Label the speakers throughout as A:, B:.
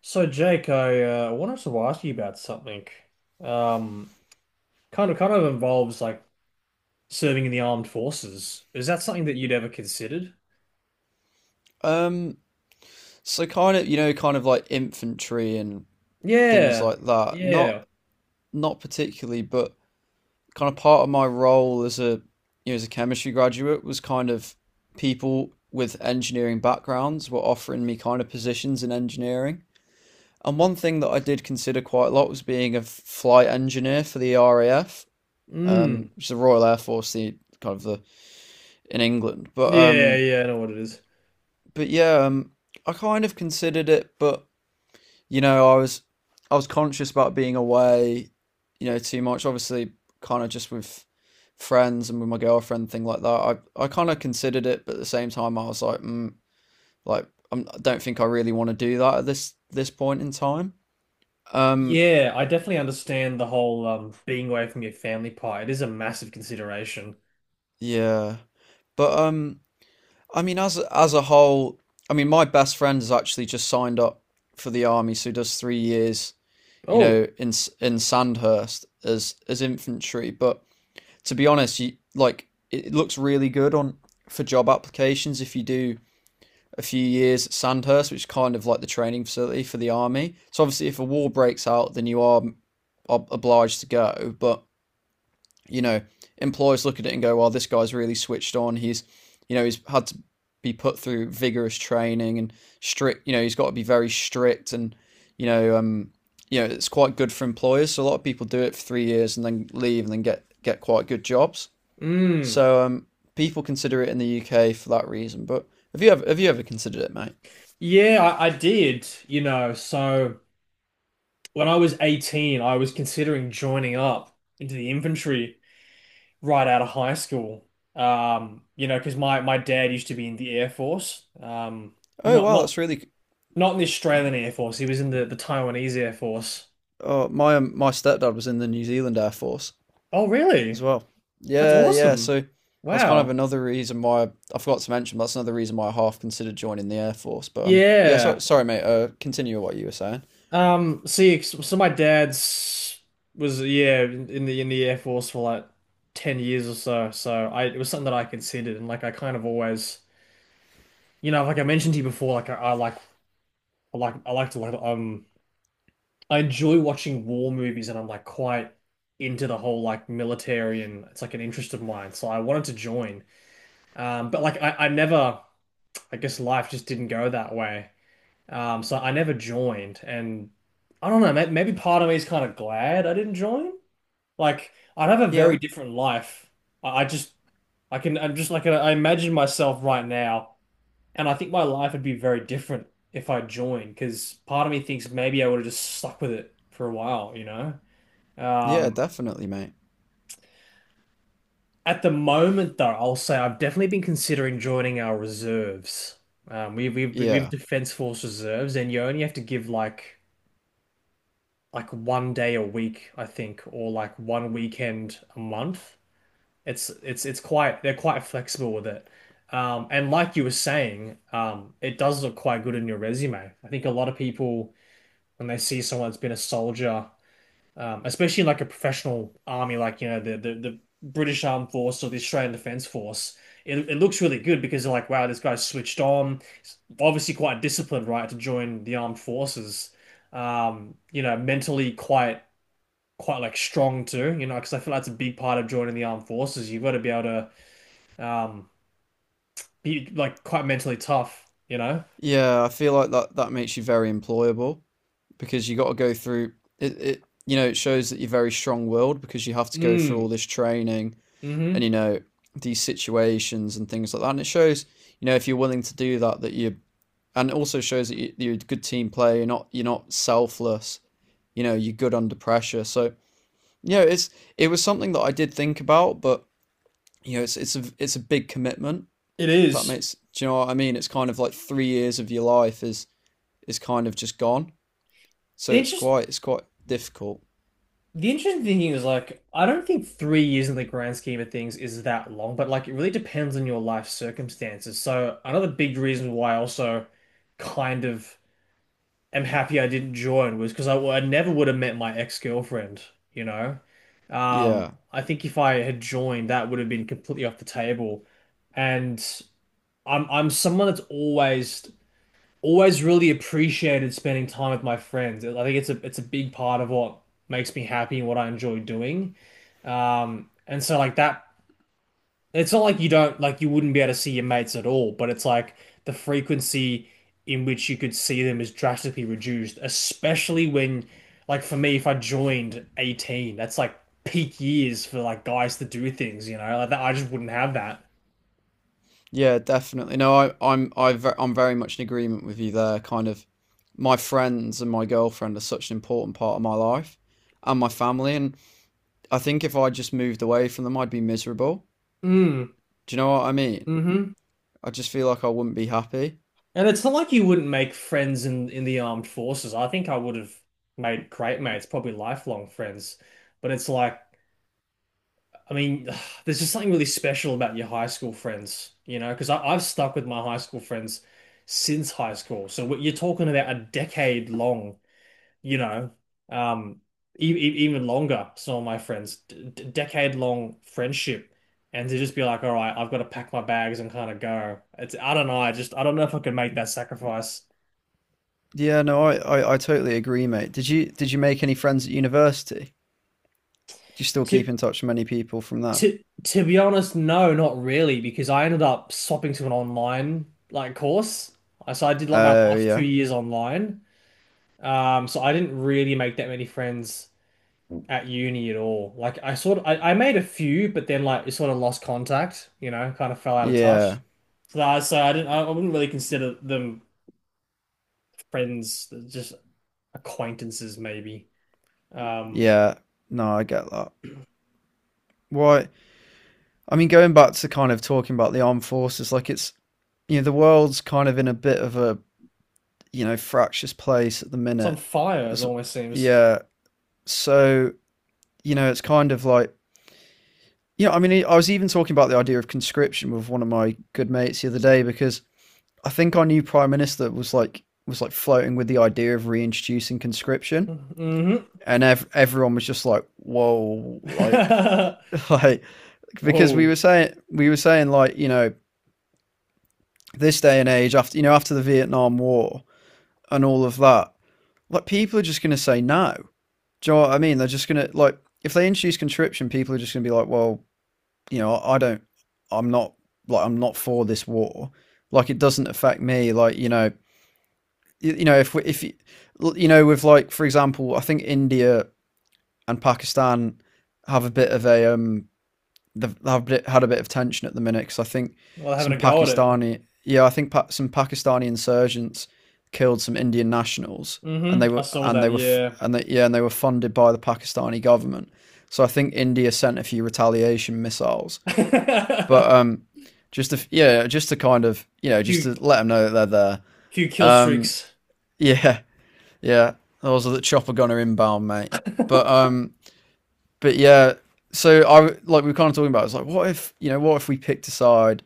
A: So Jake, I wanted to ask you about something. Um, kind of involves like serving in the armed forces. Is that something that you'd ever considered?
B: Um, so kind of, you know, kind of like infantry and things
A: Yeah,
B: like that. Not
A: yeah,
B: not particularly, but kind of part of my role as a you know, as a chemistry graduate was kind of people with engineering backgrounds were offering me kind of positions in engineering. And one thing that I did consider quite a lot was being a flight engineer for the RAF,
A: mm,
B: which is the Royal Air Force, the kind of the in England. But
A: yeah,
B: um,
A: yeah. I know what it is.
B: but yeah, I kind of considered it, but you know, I was conscious about being away, you know, too much. Obviously, kind of just with friends and with my girlfriend, thing like that. I kind of considered it, but at the same time, I was like, like I'm, I don't think I really want to do that at this point in time. Um,
A: Yeah, I definitely understand the whole being away from your family part. It is a massive consideration.
B: yeah, but I mean, as a whole, I mean, my best friend has actually just signed up for the army, so he does 3 years, you
A: Oh,
B: know, in Sandhurst as infantry, but to be honest, you like it looks really good on for job applications if you do a few years at Sandhurst, which is kind of like the training facility for the army. So obviously, if a war breaks out, then you are obliged to go. But you know, employers look at it and go, "Well, this guy's really switched on. He's, you know, he's had to be put through vigorous training and strict. You know, he's got to be very strict, and you know, um, you know, it's quite good for employers." So a lot of people do it for 3 years and then leave and then get quite good jobs.
A: mm,
B: So people consider it in the UK for that reason. But have you ever considered it, mate?
A: yeah, I did. You know, so when I was 18, I was considering joining up into the infantry, right out of high school. You know, because my dad used to be in the Air Force. Um,
B: Oh
A: not
B: wow,
A: not
B: that's really.
A: not in the Australian Air Force. He was in the Taiwanese Air Force.
B: Oh, my my stepdad was in the New Zealand Air Force
A: Oh, really?
B: as well.
A: That's
B: Yeah, yeah.
A: awesome.
B: So that's kind of
A: Wow.
B: another reason why I forgot to mention. But that's another reason why I half considered joining the Air Force. But yeah.
A: Yeah.
B: Sorry, mate. Continue what you were saying.
A: See, so my dad's was yeah in in the Air Force for like 10 years or so. So I it was something that I considered, and like I kind of always, you know, like I mentioned to you before, like I like I like I like to like I enjoy watching war movies, and I'm like quite into the whole like military, and it's like an interest of mine. So I wanted to join. But I never, I guess life just didn't go that way. So I never joined, and I don't know, maybe part of me is kind of glad I didn't join. Like, I'd have a very
B: Yeah,
A: different life. I, I just, I'm just like, I imagine myself right now, and I think my life would be very different if I joined, because part of me thinks maybe I would have just stuck with it for a while, you know?
B: yeah,
A: Um,
B: definitely, mate.
A: at the moment, though, I'll say I've definitely been considering joining our reserves. We've
B: Yeah,
A: Defense Force reserves, and you only have to give like 1 day a week, I think, or like one weekend a month. It's quite they're quite flexible with it. And like you were saying, it does look quite good in your resume. I think a lot of people when they see someone that's been a soldier, especially in like a professional army, like you know the British Armed Force or the Australian Defence Force. It looks really good, because they're like, wow, this guy's switched on. He's obviously quite disciplined, right, to join the armed forces. You know, mentally quite like strong too. You know, because I feel like that's a big part of joining the armed forces. You've got to be able to be like quite mentally tough. You know.
B: yeah. I feel like that makes you very employable, because you got to go through it, you know it shows that you're very strong willed because you have to go through all
A: Mm.
B: this training and
A: Mm-hmm.
B: you know these situations and things like that. And it shows you know if you're willing to do that that you and it also shows that you're a good team player. You're not selfless. You know you're good under pressure. So you know it was something that I did think about. But you know it's a big commitment,
A: It
B: if that
A: is.
B: makes, do you know what I mean? It's kind of like 3 years of your life is kind of just gone, so
A: The interest.
B: it's quite difficult.
A: The interesting thing is, like, I don't think 3 years in the grand scheme of things is that long, but like, it really depends on your life circumstances. So, another big reason why I also kind of am happy I didn't join was because I never would have met my ex-girlfriend, you know?
B: Yeah,
A: I think if I had joined, that would have been completely off the table. And I'm someone that's always really appreciated spending time with my friends. I think it's a big part of what makes me happy and what I enjoy doing. And so like that, it's not like you don't like you wouldn't be able to see your mates at all, but it's like the frequency in which you could see them is drastically reduced, especially when like for me, if I joined 18, that's like peak years for like guys to do things, you know? Like that, I just wouldn't have that.
B: yeah, definitely. No, I'm I'm very much in agreement with you there. Kind of, my friends and my girlfriend are such an important part of my life and my family, and I think if I just moved away from them, I'd be miserable.
A: Mm,
B: Do you know what I mean?
A: hmm.
B: I just feel like I wouldn't be happy.
A: And it's not like you wouldn't make friends in the armed forces. I think I would have made great mates, probably lifelong friends. But it's like, I mean, there's just something really special about your high school friends, you know, because I've stuck with my high school friends since high school. So what you're talking about, a decade long, you know, um, even longer. Some of my friends, decade long friendship. And to just be like, all right, I've got to pack my bags and kind of go. It's, I don't know. I just, I don't know if I could make that sacrifice.
B: Yeah, no, I totally agree, mate. Did you make any friends at university? Do you still
A: To
B: keep in touch with many people from that?
A: To to be honest, no, not really, because I ended up swapping to an online like course. So I did like my
B: Oh,
A: last two
B: yeah,
A: years online. So I didn't really make that many friends at uni at all. Like I sort of I made a few, but then like it sort of lost contact, you know, kind of fell out of
B: yeah,
A: touch. So I didn't I wouldn't really consider them friends, they're just acquaintances maybe. Um,
B: yeah. No, I get that. Why? I mean, going back to kind of talking about the armed forces, like it's you know the world's kind of in a bit of a you know fractious place at the
A: it's on
B: minute.
A: fire, it
B: As
A: almost seems.
B: yeah, so you know it's kind of like you know. I mean I was even talking about the idea of conscription with one of my good mates the other day because I think our new prime minister was like floating with the idea of reintroducing conscription
A: Hmm.
B: and everyone was just like whoa, like like because
A: Whoa.
B: we were saying like you know this day and age after you know after the Vietnam War and all of that, like people are just going to say no. Do you know what I mean? They're just going to like, if they introduce conscription, people are just going to be like, well, you know, I don't, I'm not like I'm not for this war. Like it doesn't affect me. Like you know, you know if we, if you, you know with like for example, I think India and Pakistan have a bit of a they've had a bit of tension at the minute because I think
A: Well, having
B: some
A: a go at it.
B: Pakistani, yeah, I think some Pakistani insurgents killed some Indian nationals, and
A: Hmm,
B: they
A: I
B: were
A: saw
B: and they
A: that,
B: were
A: yeah.
B: and they, yeah, and they were funded by the Pakistani government. So I think India sent a few retaliation missiles, but just to yeah, just to kind of you know just
A: Few
B: to let them know that they're there.
A: Few kill
B: Um,
A: streaks.
B: yeah, yeah, those are the chopper gunner inbound, mate. But um, but yeah, so I like we were kind of talking about. It's like, what if you know, what if we picked a side?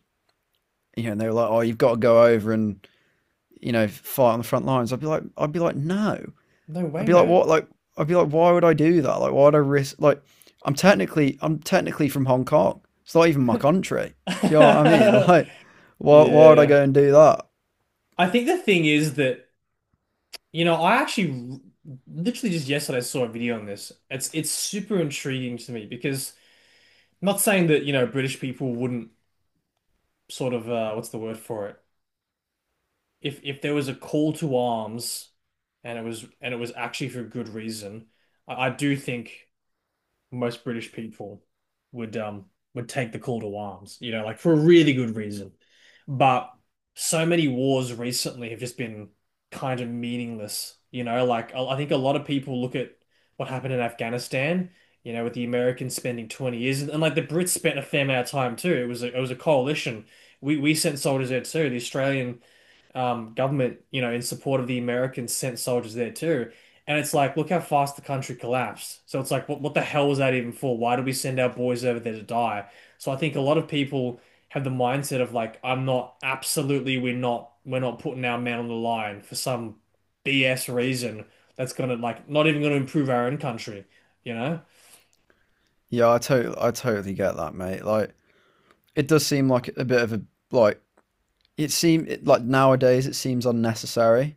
B: You know, and they were like, oh, you've got to go over and you know fight on the front lines. I'd be like, no.
A: No way,
B: I'd be like,
A: mate.
B: what? Like, I'd be like, why would I do that? Like, why would I risk? Like, I'm technically from Hong Kong. It's not even my country. Do you know what I mean? Like, why would I
A: Yeah.
B: go and do that?
A: I think the thing is that, you know, I actually literally just yesterday saw a video on this. It's super intriguing to me because I'm not saying that, you know, British people wouldn't sort of what's the word for it? If there was a call to arms, and it was, and it was actually for good reason, I do think most British people would um would take the call to arms, you know, like for a really good reason. But so many wars recently have just been kind of meaningless, you know, like I think a lot of people look at what happened in Afghanistan, you know, with the Americans spending 20 years, and like the Brits spent a fair amount of time too. It was it was a coalition. We sent soldiers there too. The Australian government, you know, in support of the Americans, sent soldiers there too. And it's like, look how fast the country collapsed. So it's like, what the hell was that even for? Why did we send our boys over there to die? So I think a lot of people have the mindset of like, I'm not absolutely, we're not putting our man on the line for some BS reason that's gonna like not even gonna improve our own country, you know?
B: Yeah, I totally get that, mate. Like, it does seem like a bit of a like. Like nowadays it seems unnecessary,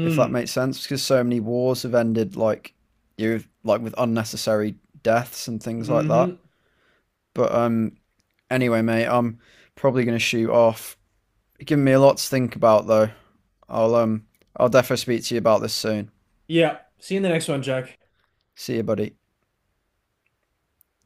B: if that makes sense, because so many wars have ended like you like with unnecessary deaths and things like that.
A: Mm-hmm.
B: But anyway, mate, I'm probably gonna shoot off. You're giving me a lot to think about though. I'll um, I'll definitely speak to you about this soon.
A: Yeah. See you in the next one, Jack.
B: See you, buddy.